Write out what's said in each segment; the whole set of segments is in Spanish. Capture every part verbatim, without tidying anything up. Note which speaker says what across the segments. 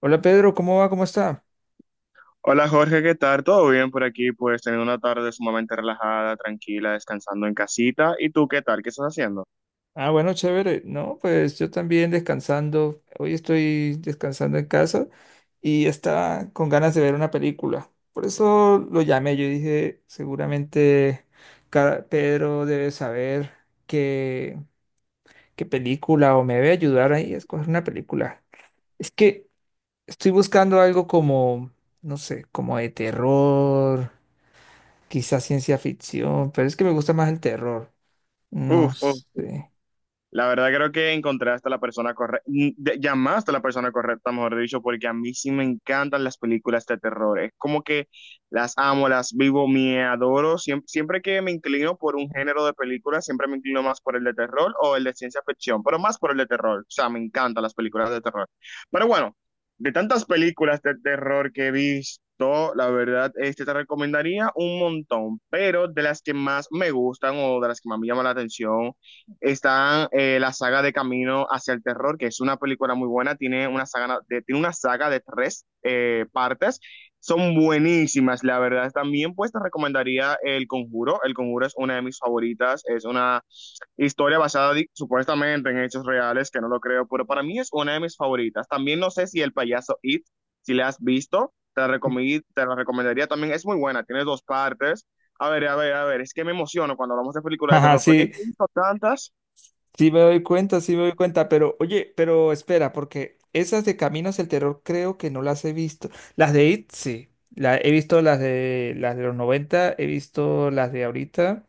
Speaker 1: Hola, Pedro, ¿cómo va? ¿Cómo está?
Speaker 2: Hola Jorge, ¿qué tal? ¿Todo bien por aquí? Pues teniendo una tarde sumamente relajada, tranquila, descansando en casita. ¿Y tú qué tal? ¿Qué estás haciendo?
Speaker 1: Ah, bueno, chévere. No, pues yo también descansando. Hoy estoy descansando en casa y estaba con ganas de ver una película. Por eso lo llamé. Yo dije, seguramente ca- Pedro debe saber qué, qué película o me debe ayudar ahí a escoger una película. Es que estoy buscando algo como, no sé, como de terror, quizás ciencia ficción, pero es que me gusta más el terror. No
Speaker 2: Uf, uf.
Speaker 1: sé.
Speaker 2: La verdad creo que encontré hasta la persona correcta, llamaste a la persona correcta, mejor dicho, porque a mí sí me encantan las películas de terror. Es como que las amo, las vivo, me adoro. Siem- Siempre que me inclino por un género de película, siempre me inclino más por el de terror o el de ciencia ficción, pero más por el de terror. O sea, me encantan las películas de terror. Pero bueno, de tantas películas de terror que he visto, la verdad, este te recomendaría un montón, pero de las que más me gustan o de las que más me llaman la atención está eh, la saga de Camino hacia el Terror, que es una película muy buena, tiene una saga de, tiene una saga de tres eh, partes, son buenísimas, la verdad. También pues te recomendaría El Conjuro, El Conjuro es una de mis favoritas, es una historia basada di- supuestamente en hechos reales, que no lo creo, pero para mí es una de mis favoritas. También no sé si El Payaso It, si la has visto, te la, recomi- te la recomendaría también, es muy buena, tiene dos partes. A ver, a ver, a ver, es que me emociono cuando hablamos de películas de
Speaker 1: Ajá,
Speaker 2: terror, porque
Speaker 1: sí,
Speaker 2: he visto tantas.
Speaker 1: sí me doy cuenta, sí me doy cuenta, pero oye, pero espera, porque esas de Caminos del Terror creo que no las he visto. Las de It, sí, la, he visto las de las de los noventa, he visto las de ahorita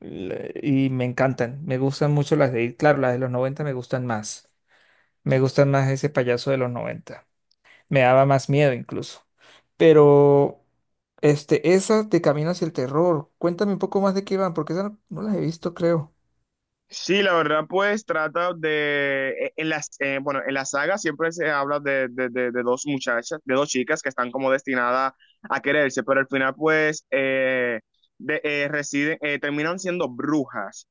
Speaker 1: la- y me encantan, me gustan mucho las de It, claro, las de los noventa me gustan más, me gustan más ese payaso de los noventa, me daba más miedo incluso, pero este, esas de Caminos del Terror, cuéntame un poco más de qué van, porque esas no, no las he visto, creo.
Speaker 2: Sí, la verdad, pues trata de, e- en las, eh, bueno, en la saga siempre se habla de, de, de, de dos muchachas, de dos chicas que están como destinadas a quererse, pero al final pues eh, de, eh, residen, eh, terminan siendo brujas.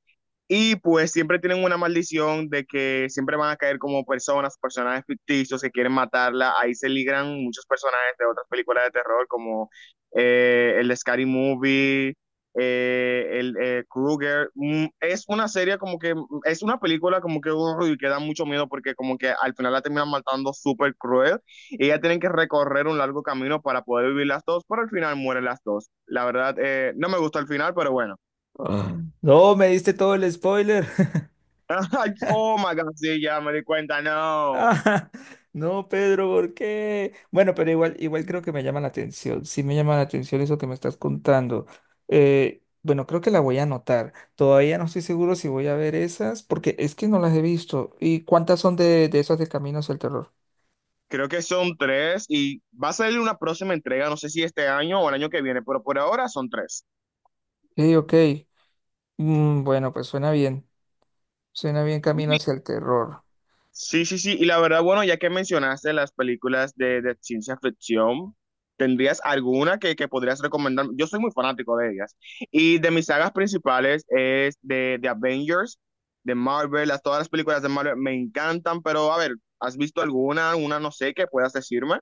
Speaker 2: Y pues siempre tienen una maldición de que siempre van a caer como personas, personajes ficticios que quieren matarla. Ahí se ligran muchos personajes de otras películas de terror como eh, el de Scary Movie, eh, el eh, Krueger. Mm, Es una serie como que, mm, es una película como que, uy, que da mucho miedo porque como que al final la terminan matando súper cruel y ya tienen que recorrer un largo camino para poder vivir las dos, pero al final mueren las dos. La verdad, eh, no me gustó el final, pero bueno.
Speaker 1: Ah, no, me diste todo el spoiler.
Speaker 2: Ay, Oh my God, sí, ya me di cuenta, no.
Speaker 1: Ah, no, Pedro, ¿por qué? Bueno, pero igual, igual creo que me llama la atención. Sí me llama la atención eso que me estás contando. Eh, bueno, creo que la voy a anotar. Todavía no estoy seguro si voy a ver esas, porque es que no las he visto. ¿Y cuántas son de, de esas de Camino hacia el Terror?
Speaker 2: Creo que son tres y va a salir una próxima entrega, no sé si este año o el año que viene, pero por ahora son tres.
Speaker 1: Sí, ok. Mm, bueno, pues suena bien. Suena bien Camino hacia el Terror.
Speaker 2: Sí, sí, sí. Y la verdad, bueno, ya que mencionaste las películas de, de ciencia ficción, ¿tendrías alguna que, que podrías recomendar? Yo soy muy fanático de ellas. Y de mis sagas principales es de, de Avengers, de Marvel, las, todas las películas de Marvel me encantan, pero a ver, ¿has visto alguna, una no sé, que puedas decirme?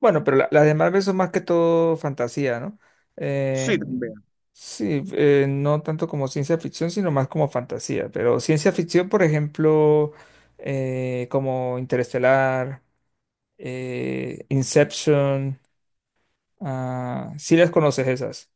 Speaker 1: Bueno, pero la- las de Marvel son más que todo fantasía, ¿no? Eh,
Speaker 2: Sí, también.
Speaker 1: sí, eh, no tanto como ciencia ficción, sino más como fantasía. Pero ciencia ficción, por ejemplo, eh, como Interestelar, eh, Inception, ah, sí las conoces esas.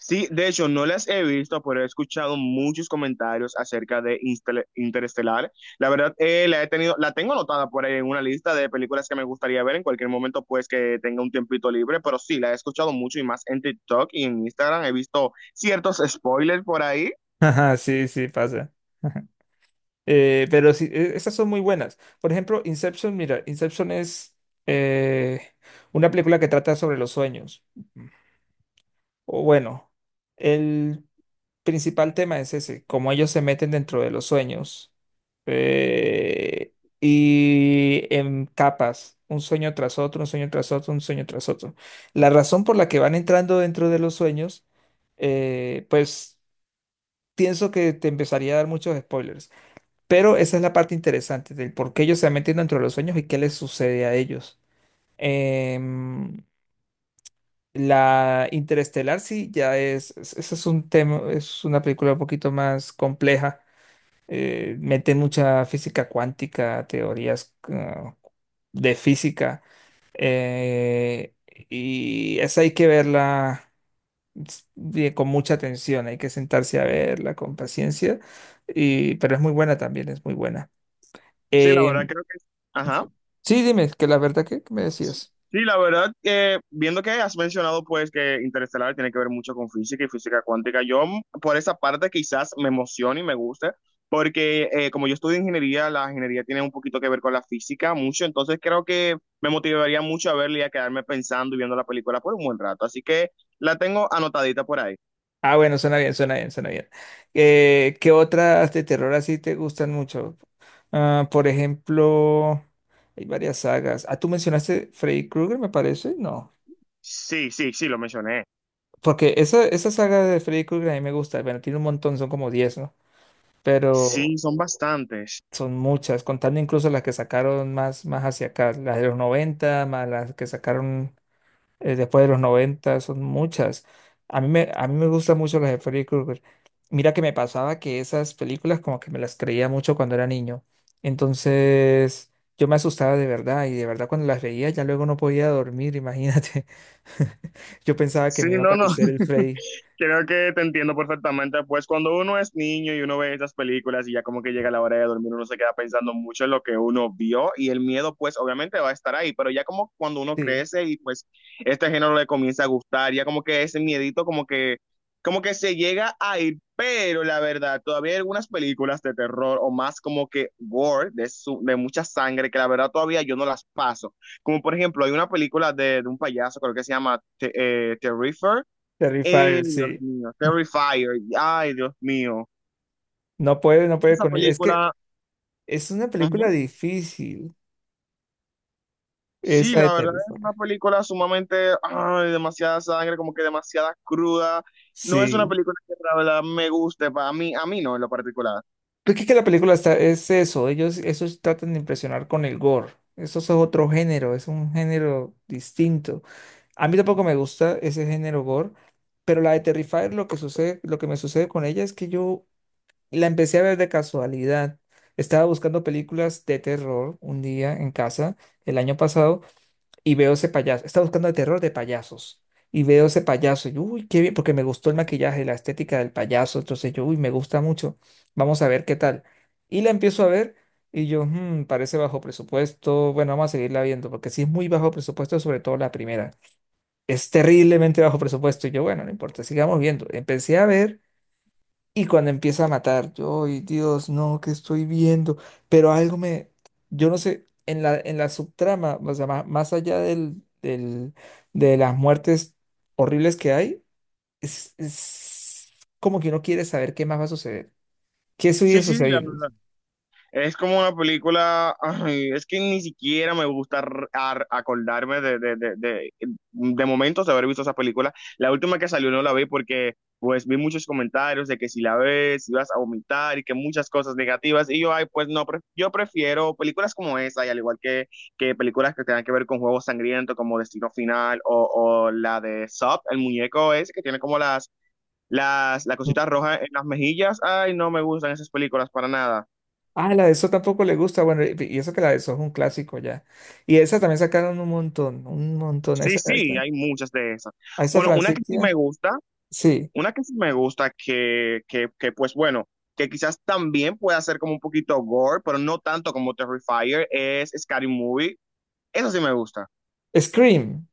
Speaker 2: Sí, de hecho, no las he visto, pero he escuchado muchos comentarios acerca de Instel- Interestelar. La verdad, eh, la he tenido, la tengo anotada por ahí en una lista de películas que me gustaría ver en cualquier momento, pues que tenga un tiempito libre, pero sí, la he escuchado mucho y más en TikTok y en Instagram. He visto ciertos spoilers por ahí.
Speaker 1: Ajá, sí, sí, pasa. Eh, pero sí, e- esas son muy buenas. Por ejemplo, Inception, mira, Inception es eh, una película que trata sobre los sueños. O bueno, el principal tema es ese, cómo ellos se meten dentro de los sueños eh, y en capas, un sueño tras otro, un sueño tras otro, un sueño tras otro. La razón por la que van entrando dentro de los sueños, eh, pues pienso que te empezaría a dar muchos spoilers, pero esa es la parte interesante del por qué ellos se meten dentro de los sueños y qué les sucede a ellos. Em, la Interestelar sí ya es, es- ese es un tema, es una película un poquito más compleja, eh, mete mucha física cuántica, teorías ah, de física, eh, y esa hay que verla s- bien- con mucha atención, hay que sentarse a verla con paciencia, y, pero es muy buena también, es muy buena.
Speaker 2: Sí, la verdad
Speaker 1: Eh,
Speaker 2: creo que... Ajá.
Speaker 1: sí, dime, que la verdad que que me
Speaker 2: Sí,
Speaker 1: decías.
Speaker 2: la verdad, que viendo que has mencionado pues que Interestelar tiene que ver mucho con física y física cuántica, yo mm, por esa parte quizás me emocione y me guste, porque eh, como yo estudio ingeniería, la ingeniería tiene un poquito que ver con la física mucho, entonces creo que me motivaría mucho a verla y a quedarme pensando y viendo la película por un buen rato, así que la tengo anotadita por ahí.
Speaker 1: Ah, bueno, suena bien, suena bien, suena bien. Eh, ¿qué otras de terror así te gustan mucho? Ah, por ejemplo, hay varias sagas. Ah, tú mencionaste Freddy Krueger, me parece, ¿no?
Speaker 2: Sí, sí, sí, lo mencioné.
Speaker 1: Porque esa, esa saga de Freddy Krueger a mí me gusta. Bueno, tiene un montón, son como diez, ¿no? Pero
Speaker 2: Sí, son bastantes.
Speaker 1: son muchas, contando incluso las que sacaron más, más hacia acá, las de los noventa más las que sacaron, eh, después de los noventa son muchas. A mí me, a mí me gustan mucho las de Freddy Krueger. Mira que me pasaba que esas películas como que me las creía mucho cuando era niño. Entonces yo me asustaba de verdad y de verdad cuando las veía, ya luego no podía dormir, imagínate. Yo pensaba que
Speaker 2: Sí,
Speaker 1: me iba a
Speaker 2: no, no.
Speaker 1: aparecer el Freddy.
Speaker 2: Creo que te entiendo perfectamente. Pues cuando uno es niño y uno ve esas películas y ya como que llega la hora de dormir, uno se queda pensando mucho en lo que uno vio y el miedo pues obviamente va a estar ahí, pero ya como cuando uno
Speaker 1: Sí.
Speaker 2: crece y pues este género le comienza a gustar, ya como que ese miedito como que como que se llega a ir, pero la verdad, todavía hay algunas películas de terror o más como que gore, de, su- de mucha sangre, que la verdad todavía yo no las paso. Como por ejemplo, hay una película de, de un payaso, creo que se llama Te- eh, Terrifier, eh,
Speaker 1: Terrifier,
Speaker 2: Dios
Speaker 1: sí.
Speaker 2: mío, Terrifier, ay, Dios mío.
Speaker 1: No puede, no puede
Speaker 2: Esa
Speaker 1: con ella. Es que
Speaker 2: película,
Speaker 1: es una película
Speaker 2: ujú.
Speaker 1: difícil,
Speaker 2: Sí,
Speaker 1: esa de
Speaker 2: la verdad es una
Speaker 1: Terrifier.
Speaker 2: película sumamente, ay, demasiada sangre, como que demasiada cruda. No es una
Speaker 1: Sí.
Speaker 2: película que la verdad me guste, para mí, a mí no en lo particular.
Speaker 1: Porque es que la película está, es eso, ellos esos tratan de impresionar con el gore. Eso es otro género, es un género distinto. A mí tampoco me gusta ese género gore, pero la de Terrifier lo que sucede, lo que me sucede con ella es que yo la empecé a ver de casualidad. Estaba buscando películas de terror un día en casa el año pasado y veo ese payaso, está buscando el terror de payasos. Y veo ese payaso y, uy, qué bien, porque me gustó el maquillaje, la estética del payaso. Entonces yo, uy, me gusta mucho. Vamos a ver qué tal. Y la empiezo a ver y yo, "Hmm, parece bajo presupuesto. Bueno, vamos a seguirla viendo, porque sí es muy bajo presupuesto, sobre todo la primera. Es terriblemente bajo presupuesto". Y yo, bueno, no importa, sigamos viendo. Empecé a ver y cuando empieza a matar, yo, ay, Dios, no, ¿qué estoy viendo? Pero algo me, yo no sé, en la, en la subtrama, o sea, ma- más allá del, del- de las muertes horribles que hay, es, es como que uno quiere saber qué más va a suceder, qué sigue
Speaker 2: Sí, sí, sí, la
Speaker 1: sucediendo.
Speaker 2: verdad. Es como una película, ay, es que ni siquiera me gusta ar- ar- acordarme de, de, de, de, de momentos de haber visto esa película. La última que salió no la vi porque pues vi muchos comentarios de que si la ves ibas a vomitar y que muchas cosas negativas. Y yo, ay, pues no, pre- yo prefiero películas como esa y al igual que, que películas que tengan que ver con juegos sangrientos como Destino Final o, o la de Sub, el muñeco ese que tiene como las, las, la cosita roja en las mejillas. Ay, no me gustan esas películas para nada.
Speaker 1: Ah, la de eso tampoco le gusta, bueno, y y eso que la de eso es un clásico ya. Y esa también sacaron un montón, un montón, a
Speaker 2: Sí,
Speaker 1: esa, a
Speaker 2: sí,
Speaker 1: esa,
Speaker 2: hay muchas de esas.
Speaker 1: a esa
Speaker 2: Bueno, una que sí me
Speaker 1: Francisca,
Speaker 2: gusta,
Speaker 1: sí,
Speaker 2: una que sí me gusta, que, que, que pues bueno, que quizás también pueda ser como un poquito gore, pero no tanto como Terrifier, es Scary Movie. Eso sí me gusta.
Speaker 1: Scream,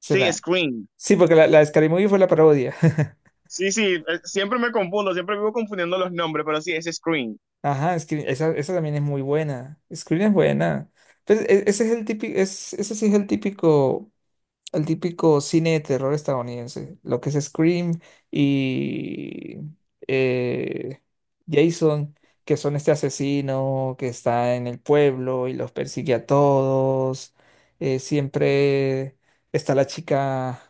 Speaker 2: Sí, Scream.
Speaker 1: Sí, porque la, la de Scary Movie fue la parodia.
Speaker 2: Sí, sí, eh, siempre me confundo, siempre vivo confundiendo los nombres, pero sí, es Scream.
Speaker 1: Ajá, Scream, esa, esa también es muy buena. Scream es buena. Pues, e- ese es el típico, es, ese sí es el típico, el típico cine de terror estadounidense. Lo que es Scream y eh, Jason, que son este asesino que está en el pueblo y los persigue a todos. Eh, siempre está la chica,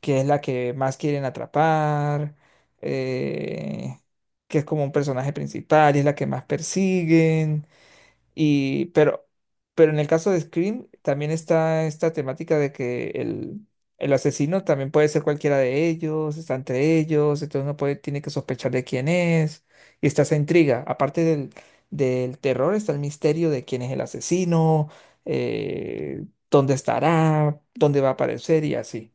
Speaker 1: que es la que más quieren atrapar, eh, que es como un personaje principal y es la que más persiguen. Y, pero, pero en el caso de Scream también está esta temática de que el, el asesino también puede ser cualquiera de ellos, está entre ellos, entonces uno puede, tiene que sospechar de quién es, y está esa intriga. Aparte del, del terror está el misterio de quién es el asesino, eh, dónde estará, dónde va a aparecer y así.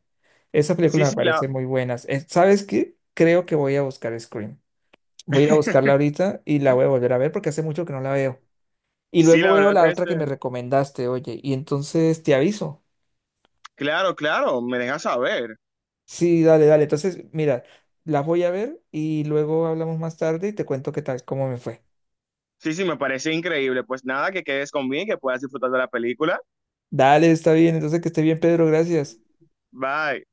Speaker 1: Esa
Speaker 2: Sí,
Speaker 1: película me
Speaker 2: sí, la,
Speaker 1: parece muy buena. Eh, ¿Sabes qué? Creo que voy a buscar Scream. Voy a ir a buscarla ahorita y la voy a volver a ver porque hace mucho que no la veo. Y
Speaker 2: sí,
Speaker 1: luego
Speaker 2: la
Speaker 1: veo
Speaker 2: verdad,
Speaker 1: la otra
Speaker 2: este,
Speaker 1: que me recomendaste, oye, y entonces te aviso.
Speaker 2: claro, claro, me deja saber.
Speaker 1: Sí, dale, dale. Entonces, mira, las voy a ver y luego hablamos más tarde y te cuento qué tal, cómo me fue.
Speaker 2: Sí, sí, me parece increíble. Pues nada, que quedes conmigo y que puedas disfrutar de la película.
Speaker 1: Dale, está bien. Entonces, que esté bien, Pedro. Gracias.
Speaker 2: Bye.